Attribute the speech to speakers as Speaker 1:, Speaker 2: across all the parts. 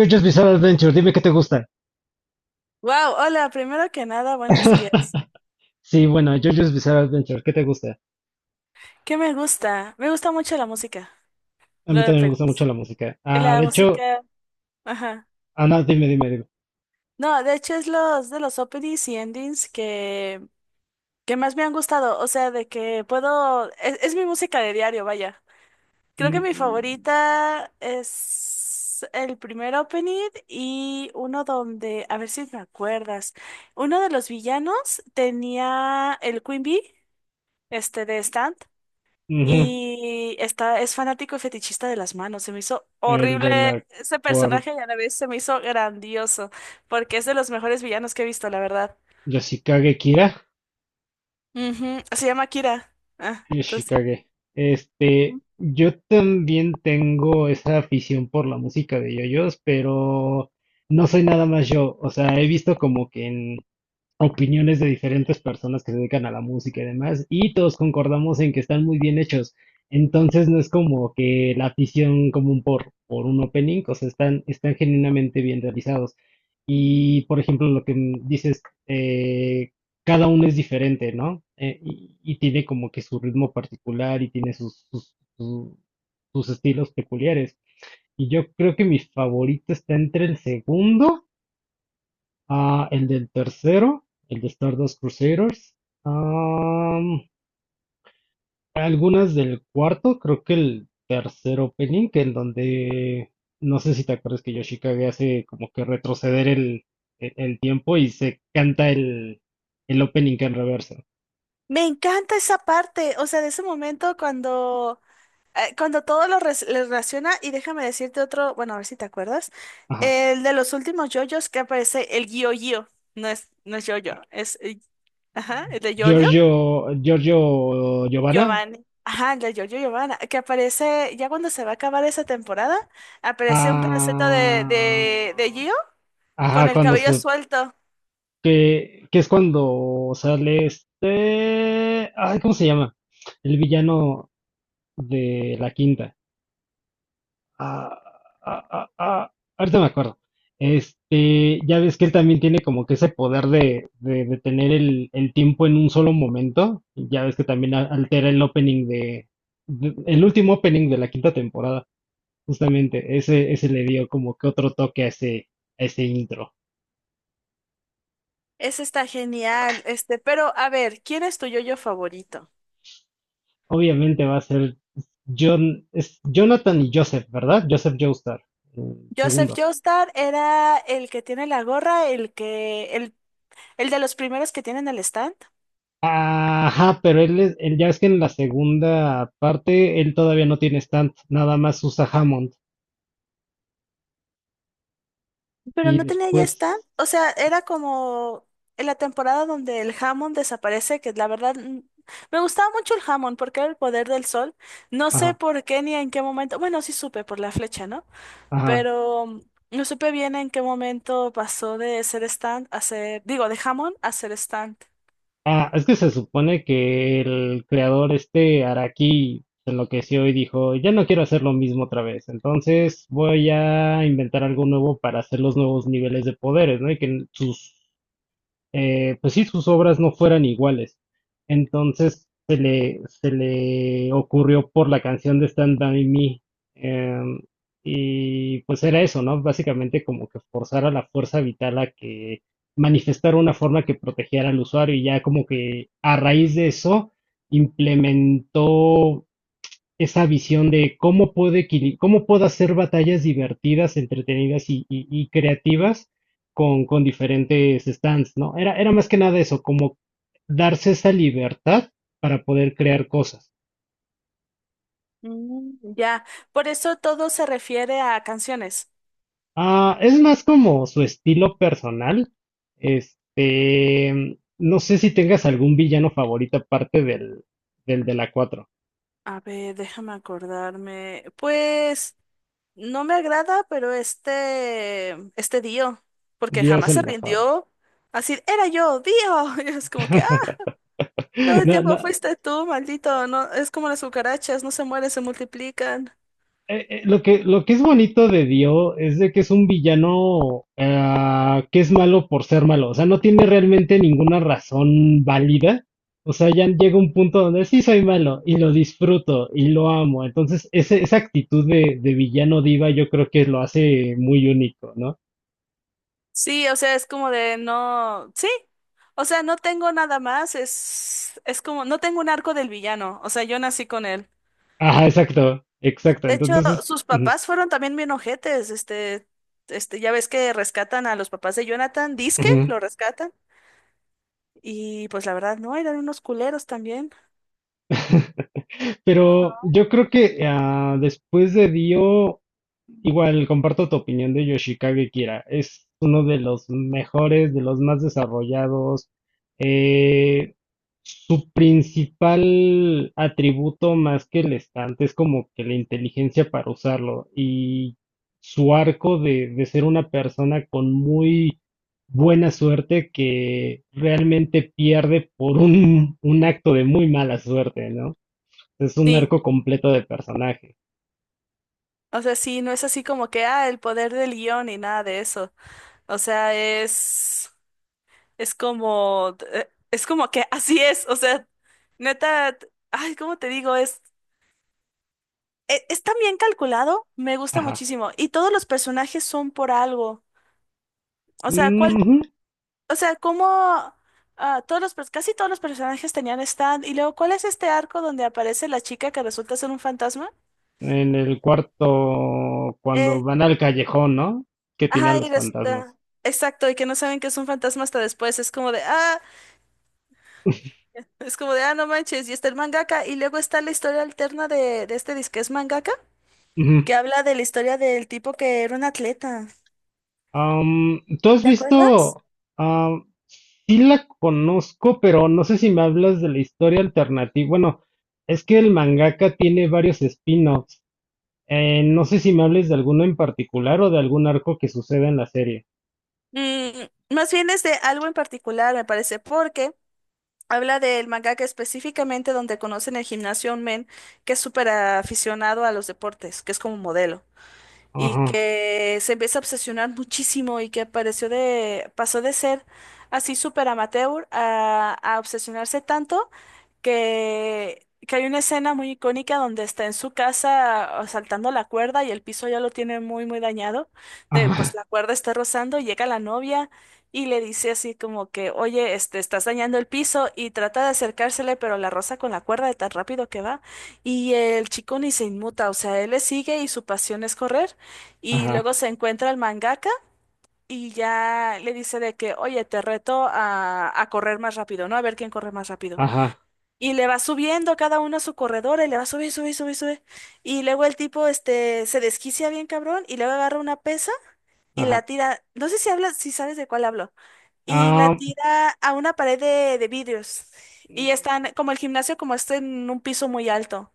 Speaker 1: JoJo's Bizarre Adventure, dime qué te gusta.
Speaker 2: Wow, hola, primero que nada, buenos días.
Speaker 1: Sí, bueno, JoJo's Bizarre Adventure, ¿qué te gusta?
Speaker 2: ¿Qué me gusta? Me gusta mucho la música,
Speaker 1: A mí
Speaker 2: los
Speaker 1: también me gusta mucho
Speaker 2: openings.
Speaker 1: la música. Ah,
Speaker 2: La
Speaker 1: de hecho,
Speaker 2: música, ajá.
Speaker 1: ah, no, dime.
Speaker 2: No, de hecho es los de los openings y endings que más me han gustado. O sea, de que puedo. Es mi música de diario, vaya. Creo que mi
Speaker 1: Mm,
Speaker 2: favorita es el primer opening y uno donde, a ver si me acuerdas. Uno de los villanos tenía el Queen Bee, este de Stand.
Speaker 1: ujú,
Speaker 2: Y está, es fanático y fetichista de las manos. Se me hizo
Speaker 1: el
Speaker 2: horrible
Speaker 1: de la
Speaker 2: ese
Speaker 1: cuarta,
Speaker 2: personaje y a la vez se me hizo grandioso, porque es de los mejores villanos que he visto, la verdad.
Speaker 1: Yoshikage Kira,
Speaker 2: Ujú, se llama Kira. Ah, entonces sí.
Speaker 1: Yoshikage.
Speaker 2: Ujú.
Speaker 1: Yo también tengo esa afición por la música de JoJo's, pero no soy nada más yo. O sea, he visto como que en opiniones de diferentes personas que se dedican a la música y demás, y todos concordamos en que están muy bien hechos. Entonces no es como que la afición común por un opening, o sea, están genuinamente bien realizados. Y por ejemplo, lo que dices, eh, cada uno es diferente, ¿no? Y tiene como que su ritmo particular y tiene sus sus estilos peculiares. Y yo creo que mi favorito está entre el segundo. Ah, el del tercero, el de Stardust Crusaders. Am, algunas del cuarto, creo que el tercer opening, que en donde no sé si te acuerdas que Yoshikage hace como que retroceder el tiempo y se canta el opening en reversa.
Speaker 2: Me encanta esa parte, o sea, de ese momento cuando, cuando todo lo le relaciona, y déjame decirte otro, bueno, a ver si te acuerdas,
Speaker 1: Ajá.
Speaker 2: el de los últimos yoyos que aparece, el Gio Gio, no es, no es yoyo, es, ajá, el de Giorgio.
Speaker 1: Giorgio, Giorgio Giovanna.
Speaker 2: Giovanni. Ajá, la Giorgio Giovanna, que aparece, ya cuando se va a acabar esa temporada, aparece un pedacito de
Speaker 1: Ah,
Speaker 2: Gio con
Speaker 1: ajá,
Speaker 2: el
Speaker 1: cuando
Speaker 2: cabello
Speaker 1: se...
Speaker 2: suelto.
Speaker 1: Que es cuando sale este... Ay, ¿cómo se llama? El villano de la quinta. Ah, ah, ah, ah, ahorita me acuerdo. Ya ves que él también tiene como que ese poder de detener el tiempo en un solo momento. Ya ves que también altera el opening de- el último opening de la quinta temporada. Justamente, ese le dio como que otro toque a ese intro.
Speaker 2: Ese está genial. Este, pero a ver, ¿quién es tu yo favorito?
Speaker 1: Obviamente va a ser John, es Jonathan y Joseph, ¿verdad? Joseph Joestar, el
Speaker 2: Joseph
Speaker 1: segundo.
Speaker 2: Joestar era el que tiene la gorra, el de los primeros que tienen el stand.
Speaker 1: Ajá, pero él, es- él ya es que en la segunda parte él todavía no tiene stand, nada más usa Hammond.
Speaker 2: Pero
Speaker 1: Y
Speaker 2: no tenía ya stand.
Speaker 1: después,
Speaker 2: O sea, era como en la temporada donde el jamón desaparece, que la verdad me gustaba mucho el jamón porque era el poder del sol. No sé
Speaker 1: ajá,
Speaker 2: por qué ni en qué momento. Bueno, sí supe por la flecha, ¿no?
Speaker 1: ajá.
Speaker 2: Pero no supe bien en qué momento pasó de ser stand a ser, digo, de jamón a ser stand.
Speaker 1: Ah, es que se supone que el creador este Araki se enloqueció y dijo, ya no quiero hacer lo mismo otra vez, entonces voy a inventar algo nuevo para hacer los nuevos niveles de poderes, ¿no? Y que sus... pues sí, sus obras no fueran iguales. Entonces se le ocurrió por la canción de Stand By Me. em, y pues era eso, ¿no? Básicamente como que forzar a la fuerza vital a que manifestara una forma que protegiera al usuario y ya como que a raíz de eso implementó esa visión de cómo puedo, equili- cómo puedo hacer batallas divertidas, entretenidas y y creativas con diferentes stands, ¿no? Era más que nada eso, como darse esa libertad para poder crear cosas.
Speaker 2: Ya, por eso todo se refiere a canciones.
Speaker 1: Ah, es más como su estilo personal. Este, no sé si tengas algún villano favorito aparte del, del de la cuatro.
Speaker 2: A ver, déjame acordarme. Pues. No me agrada, pero este Dio, porque
Speaker 1: Dios
Speaker 2: jamás se
Speaker 1: el mejor.
Speaker 2: rindió. Así, era yo, Dio. Y es como que, ah, todo el
Speaker 1: No,
Speaker 2: tiempo
Speaker 1: no,
Speaker 2: fuiste tú, maldito. No, es como las cucarachas, no se mueren, se multiplican.
Speaker 1: lo que es bonito de Dio es de que es un villano ah, que es malo por ser malo. O sea, no tiene realmente ninguna razón válida. O sea, ya llega un punto donde sí soy malo y lo disfruto y lo amo. Entonces, ese- esa actitud de villano diva yo creo que lo hace muy único, ¿no?
Speaker 2: Sí, o sea, es como de no, sí. O sea, no tengo nada más, es como, no tengo un arco del villano. O sea, yo nací con él.
Speaker 1: Ajá, exacto, exacto.
Speaker 2: De hecho,
Speaker 1: Entonces, es-
Speaker 2: sus
Speaker 1: ujú,
Speaker 2: papás fueron también bien ojetes. Ya ves que rescatan a los papás de Jonathan, disque,
Speaker 1: ujú.
Speaker 2: lo rescatan. Y pues la verdad, no, eran unos culeros también.
Speaker 1: Pero yo creo que ah, después de Dio, igual comparto tu opinión de Yoshikage Kira. Es uno de los mejores, de los más desarrollados. Eh, su principal atributo más que el estante es como que la inteligencia para usarlo y su arco de ser una persona con muy buena suerte que realmente pierde por un acto de muy mala suerte, ¿no? Es un
Speaker 2: Sí,
Speaker 1: arco completo de personaje.
Speaker 2: o sea, sí, no es así como que, ah, el poder del guión y nada de eso. O sea, es como que así es, o sea, neta, ay, ¿cómo te digo? Está bien calculado, me gusta
Speaker 1: Ajá.
Speaker 2: muchísimo. Y todos los personajes son por algo. O sea, ¿cuál,
Speaker 1: Ujú.
Speaker 2: o sea, cómo, ah, todos casi todos los personajes tenían stand. Y luego, ¿cuál es este arco donde aparece la chica que resulta ser un fantasma?
Speaker 1: En el cuarto, cuando
Speaker 2: Eh,
Speaker 1: van al callejón, ¿no? Que tiene a
Speaker 2: Ajá, y
Speaker 1: los
Speaker 2: resulta,
Speaker 1: fantasmas.
Speaker 2: exacto, y que no saben que es un fantasma hasta después, es como de, ah, es como de, ah, no manches, y está el mangaka, y luego está la historia alterna de este disque es mangaka,
Speaker 1: Ujú.
Speaker 2: que habla de la historia del tipo que era un atleta,
Speaker 1: ¿Tú has
Speaker 2: ¿te acuerdas?
Speaker 1: visto? am, sí la conozco, pero no sé si me hablas de la historia alternativa. Bueno, es que el mangaka tiene varios spin-offs. No sé si me hables de alguno en particular o de algún arco que suceda en la serie.
Speaker 2: Mm, más bien es de algo en particular, me parece, porque habla del mangaka específicamente donde conocen el gimnasio a un men que es súper aficionado a los deportes, que es como modelo. Y
Speaker 1: Ajá,
Speaker 2: que se empieza a obsesionar muchísimo y que pareció de, pasó de ser así súper amateur a obsesionarse tanto que hay una escena muy icónica donde está en su casa ah, saltando la cuerda y el piso ya lo tiene muy, muy dañado. De, pues
Speaker 1: ajá,
Speaker 2: la cuerda está rozando y llega la novia y le dice así como que, oye, este, estás dañando el piso y trata de acercársele, pero la roza con la cuerda de tan rápido que va. Y el chico ni se inmuta, o sea, él le sigue y su pasión es correr. Y
Speaker 1: ajá,
Speaker 2: luego se encuentra el mangaka y ya le dice de que, oye, te reto a correr más rápido, ¿no? A ver quién corre más rápido.
Speaker 1: ajá,
Speaker 2: Y le va subiendo cada uno a su corredor y le va a subir, subir, subir, subir. Y luego el tipo, este, se desquicia bien cabrón y luego agarra una pesa y la
Speaker 1: ajá.
Speaker 2: tira, no sé si hablas, si sabes de cuál hablo, y la
Speaker 1: Am,
Speaker 2: tira a una pared de vidrios. Y están, como el gimnasio, como está en un piso muy alto.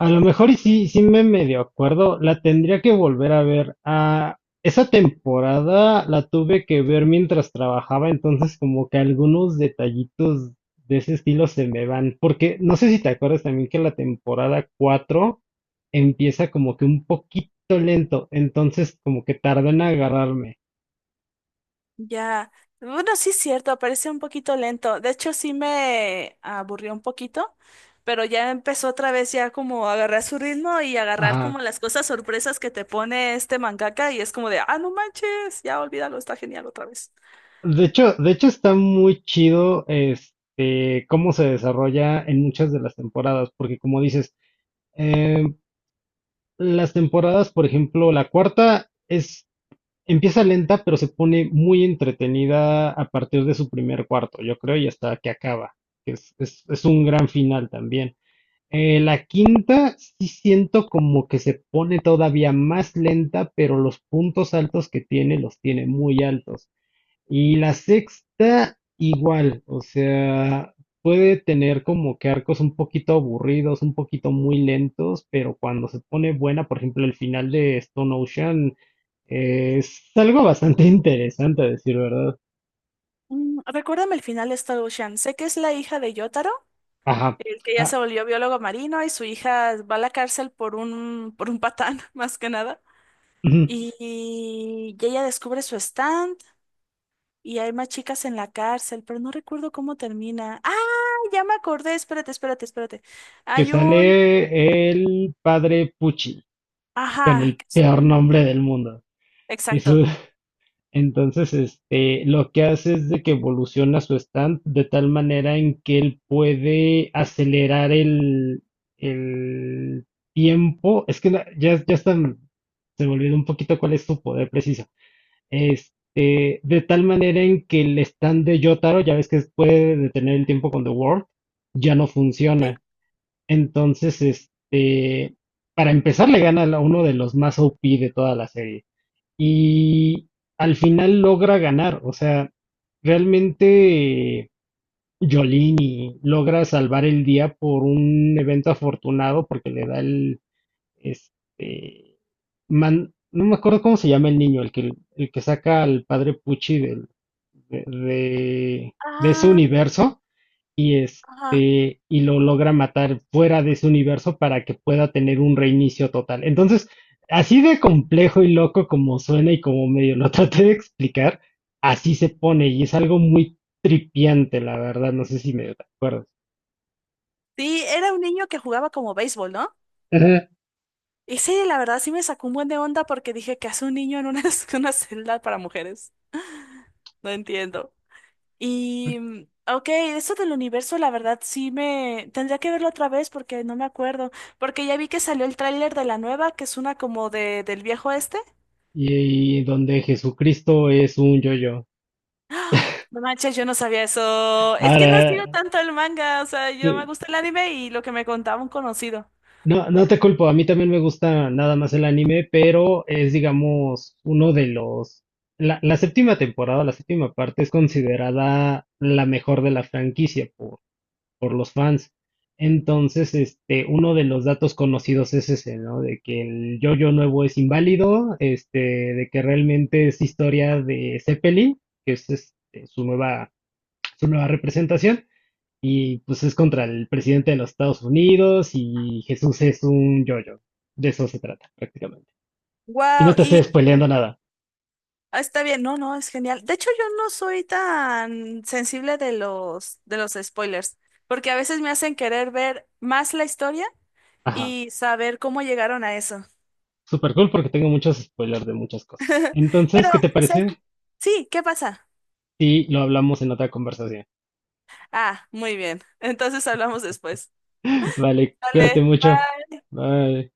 Speaker 1: a lo mejor y sí, sí me medio acuerdo, la tendría que volver a ver. Ah, esa temporada la tuve que ver mientras trabajaba, entonces como que algunos detallitos de ese estilo se me van, porque no sé si te acuerdas también que la temporada 4 empieza como que un poquito lento, entonces como que tarda en agarrarme.
Speaker 2: Ya, bueno, sí es cierto, parece un poquito lento. De hecho, sí me aburrió un poquito, pero ya empezó otra vez ya como a agarrar su ritmo y agarrar
Speaker 1: Ajá.
Speaker 2: como las cosas sorpresas que te pone este mangaka y es como de, ah, no manches, ya olvídalo, está genial otra vez.
Speaker 1: De hecho está muy chido este cómo se desarrolla en muchas de las temporadas, porque como dices, em, las temporadas, por ejemplo, la cuarta es empieza lenta, pero se pone muy entretenida a partir de su primer cuarto, yo creo, y hasta que acaba. Que es, es un gran final también. La quinta sí siento como que se pone todavía más lenta, pero los puntos altos que tiene los tiene muy altos. Y la sexta igual, o sea, puede tener como que arcos un poquito aburridos, un poquito muy lentos, pero cuando se pone buena, por ejemplo, el final de Stone Ocean es algo bastante interesante, a decir verdad.
Speaker 2: Recuérdame el final de Star Ocean. Sé que es la hija de Yotaro,
Speaker 1: Ajá.
Speaker 2: el que ya se
Speaker 1: Ah,
Speaker 2: volvió biólogo marino y su hija va a la cárcel por un patán, más que nada.
Speaker 1: ujú.
Speaker 2: Y y ella descubre su stand. Y hay más chicas en la cárcel, pero no recuerdo cómo termina. ¡Ah! Ya me acordé. Espérate, espérate, espérate.
Speaker 1: Que
Speaker 2: Hay un.
Speaker 1: sale el padre Pucci, con
Speaker 2: Ajá.
Speaker 1: el peor nombre del mundo. Y
Speaker 2: Exacto.
Speaker 1: su... Entonces, lo que hace es de que evoluciona su stand de tal manera en que él puede acelerar el tiempo. Es que la- ya, ya están, se me olvidó un poquito cuál es su poder preciso. De tal manera en que el stand de Yotaro, ya ves que puede detener el tiempo con The World, ya no
Speaker 2: Sí.
Speaker 1: funciona. Entonces, para empezar, le gana a uno de los más OP de toda la serie y al final logra ganar, o sea, realmente Jolini logra salvar el día por un evento afortunado porque le da este, man- no me acuerdo cómo se llama el niño, el que saca al padre Pucci del- de ese
Speaker 2: Ah,
Speaker 1: universo, y
Speaker 2: ajá.
Speaker 1: este y lo logra matar fuera de su universo para que pueda tener un reinicio total. Entonces, así de complejo y loco como suena y como medio lo traté de explicar, así se pone y es algo muy tripiante, la verdad, no sé si me acuerdo.
Speaker 2: Sí, era un niño que jugaba como béisbol, ¿no?
Speaker 1: Ajá.
Speaker 2: Y sí, la verdad sí me sacó un buen de onda porque dije que hace un niño en una, una celda para mujeres. No entiendo. Y. Ok, eso del universo, la verdad sí me. Tendría que verlo otra vez porque no me acuerdo. Porque ya vi que salió el tráiler de la nueva, que es una como de, del viejo este.
Speaker 1: Y donde Jesucristo es un yo-yo.
Speaker 2: No manches, yo no sabía eso. Es que no
Speaker 1: Ahora,
Speaker 2: sigo tanto el manga, o sea, yo me
Speaker 1: te-...
Speaker 2: gusta el anime y lo que me contaba un conocido.
Speaker 1: No, no te culpo, a mí también me gusta nada más el anime, pero es, digamos, uno de los... La séptima temporada, la séptima parte es considerada la mejor de la franquicia por los fans. Entonces, uno de los datos conocidos es ese, ¿no? De que el yo nuevo es inválido, este, de que realmente es historia de Zeppelin, que es este, su nueva representación. Y pues es contra el presidente de los Estados Unidos y Jesús es un yo yo. De eso se trata, prácticamente. Y no
Speaker 2: Wow,
Speaker 1: te
Speaker 2: y
Speaker 1: estoy spoileando nada.
Speaker 2: ah, está bien, no, no, es genial. De hecho, yo no soy tan sensible de los spoilers, porque a veces me hacen querer ver más la historia
Speaker 1: Ajá.
Speaker 2: y saber cómo llegaron a eso.
Speaker 1: Super cool porque tengo muchos spoilers de muchas cosas. Entonces,
Speaker 2: Pero,
Speaker 1: ¿qué te
Speaker 2: o sea,
Speaker 1: parece
Speaker 2: sí, ¿qué pasa?
Speaker 1: si lo hablamos en otra conversación?
Speaker 2: Ah, muy bien. Entonces hablamos después.
Speaker 1: Vale, cuídate
Speaker 2: Vale,
Speaker 1: mucho.
Speaker 2: bye.
Speaker 1: Bye.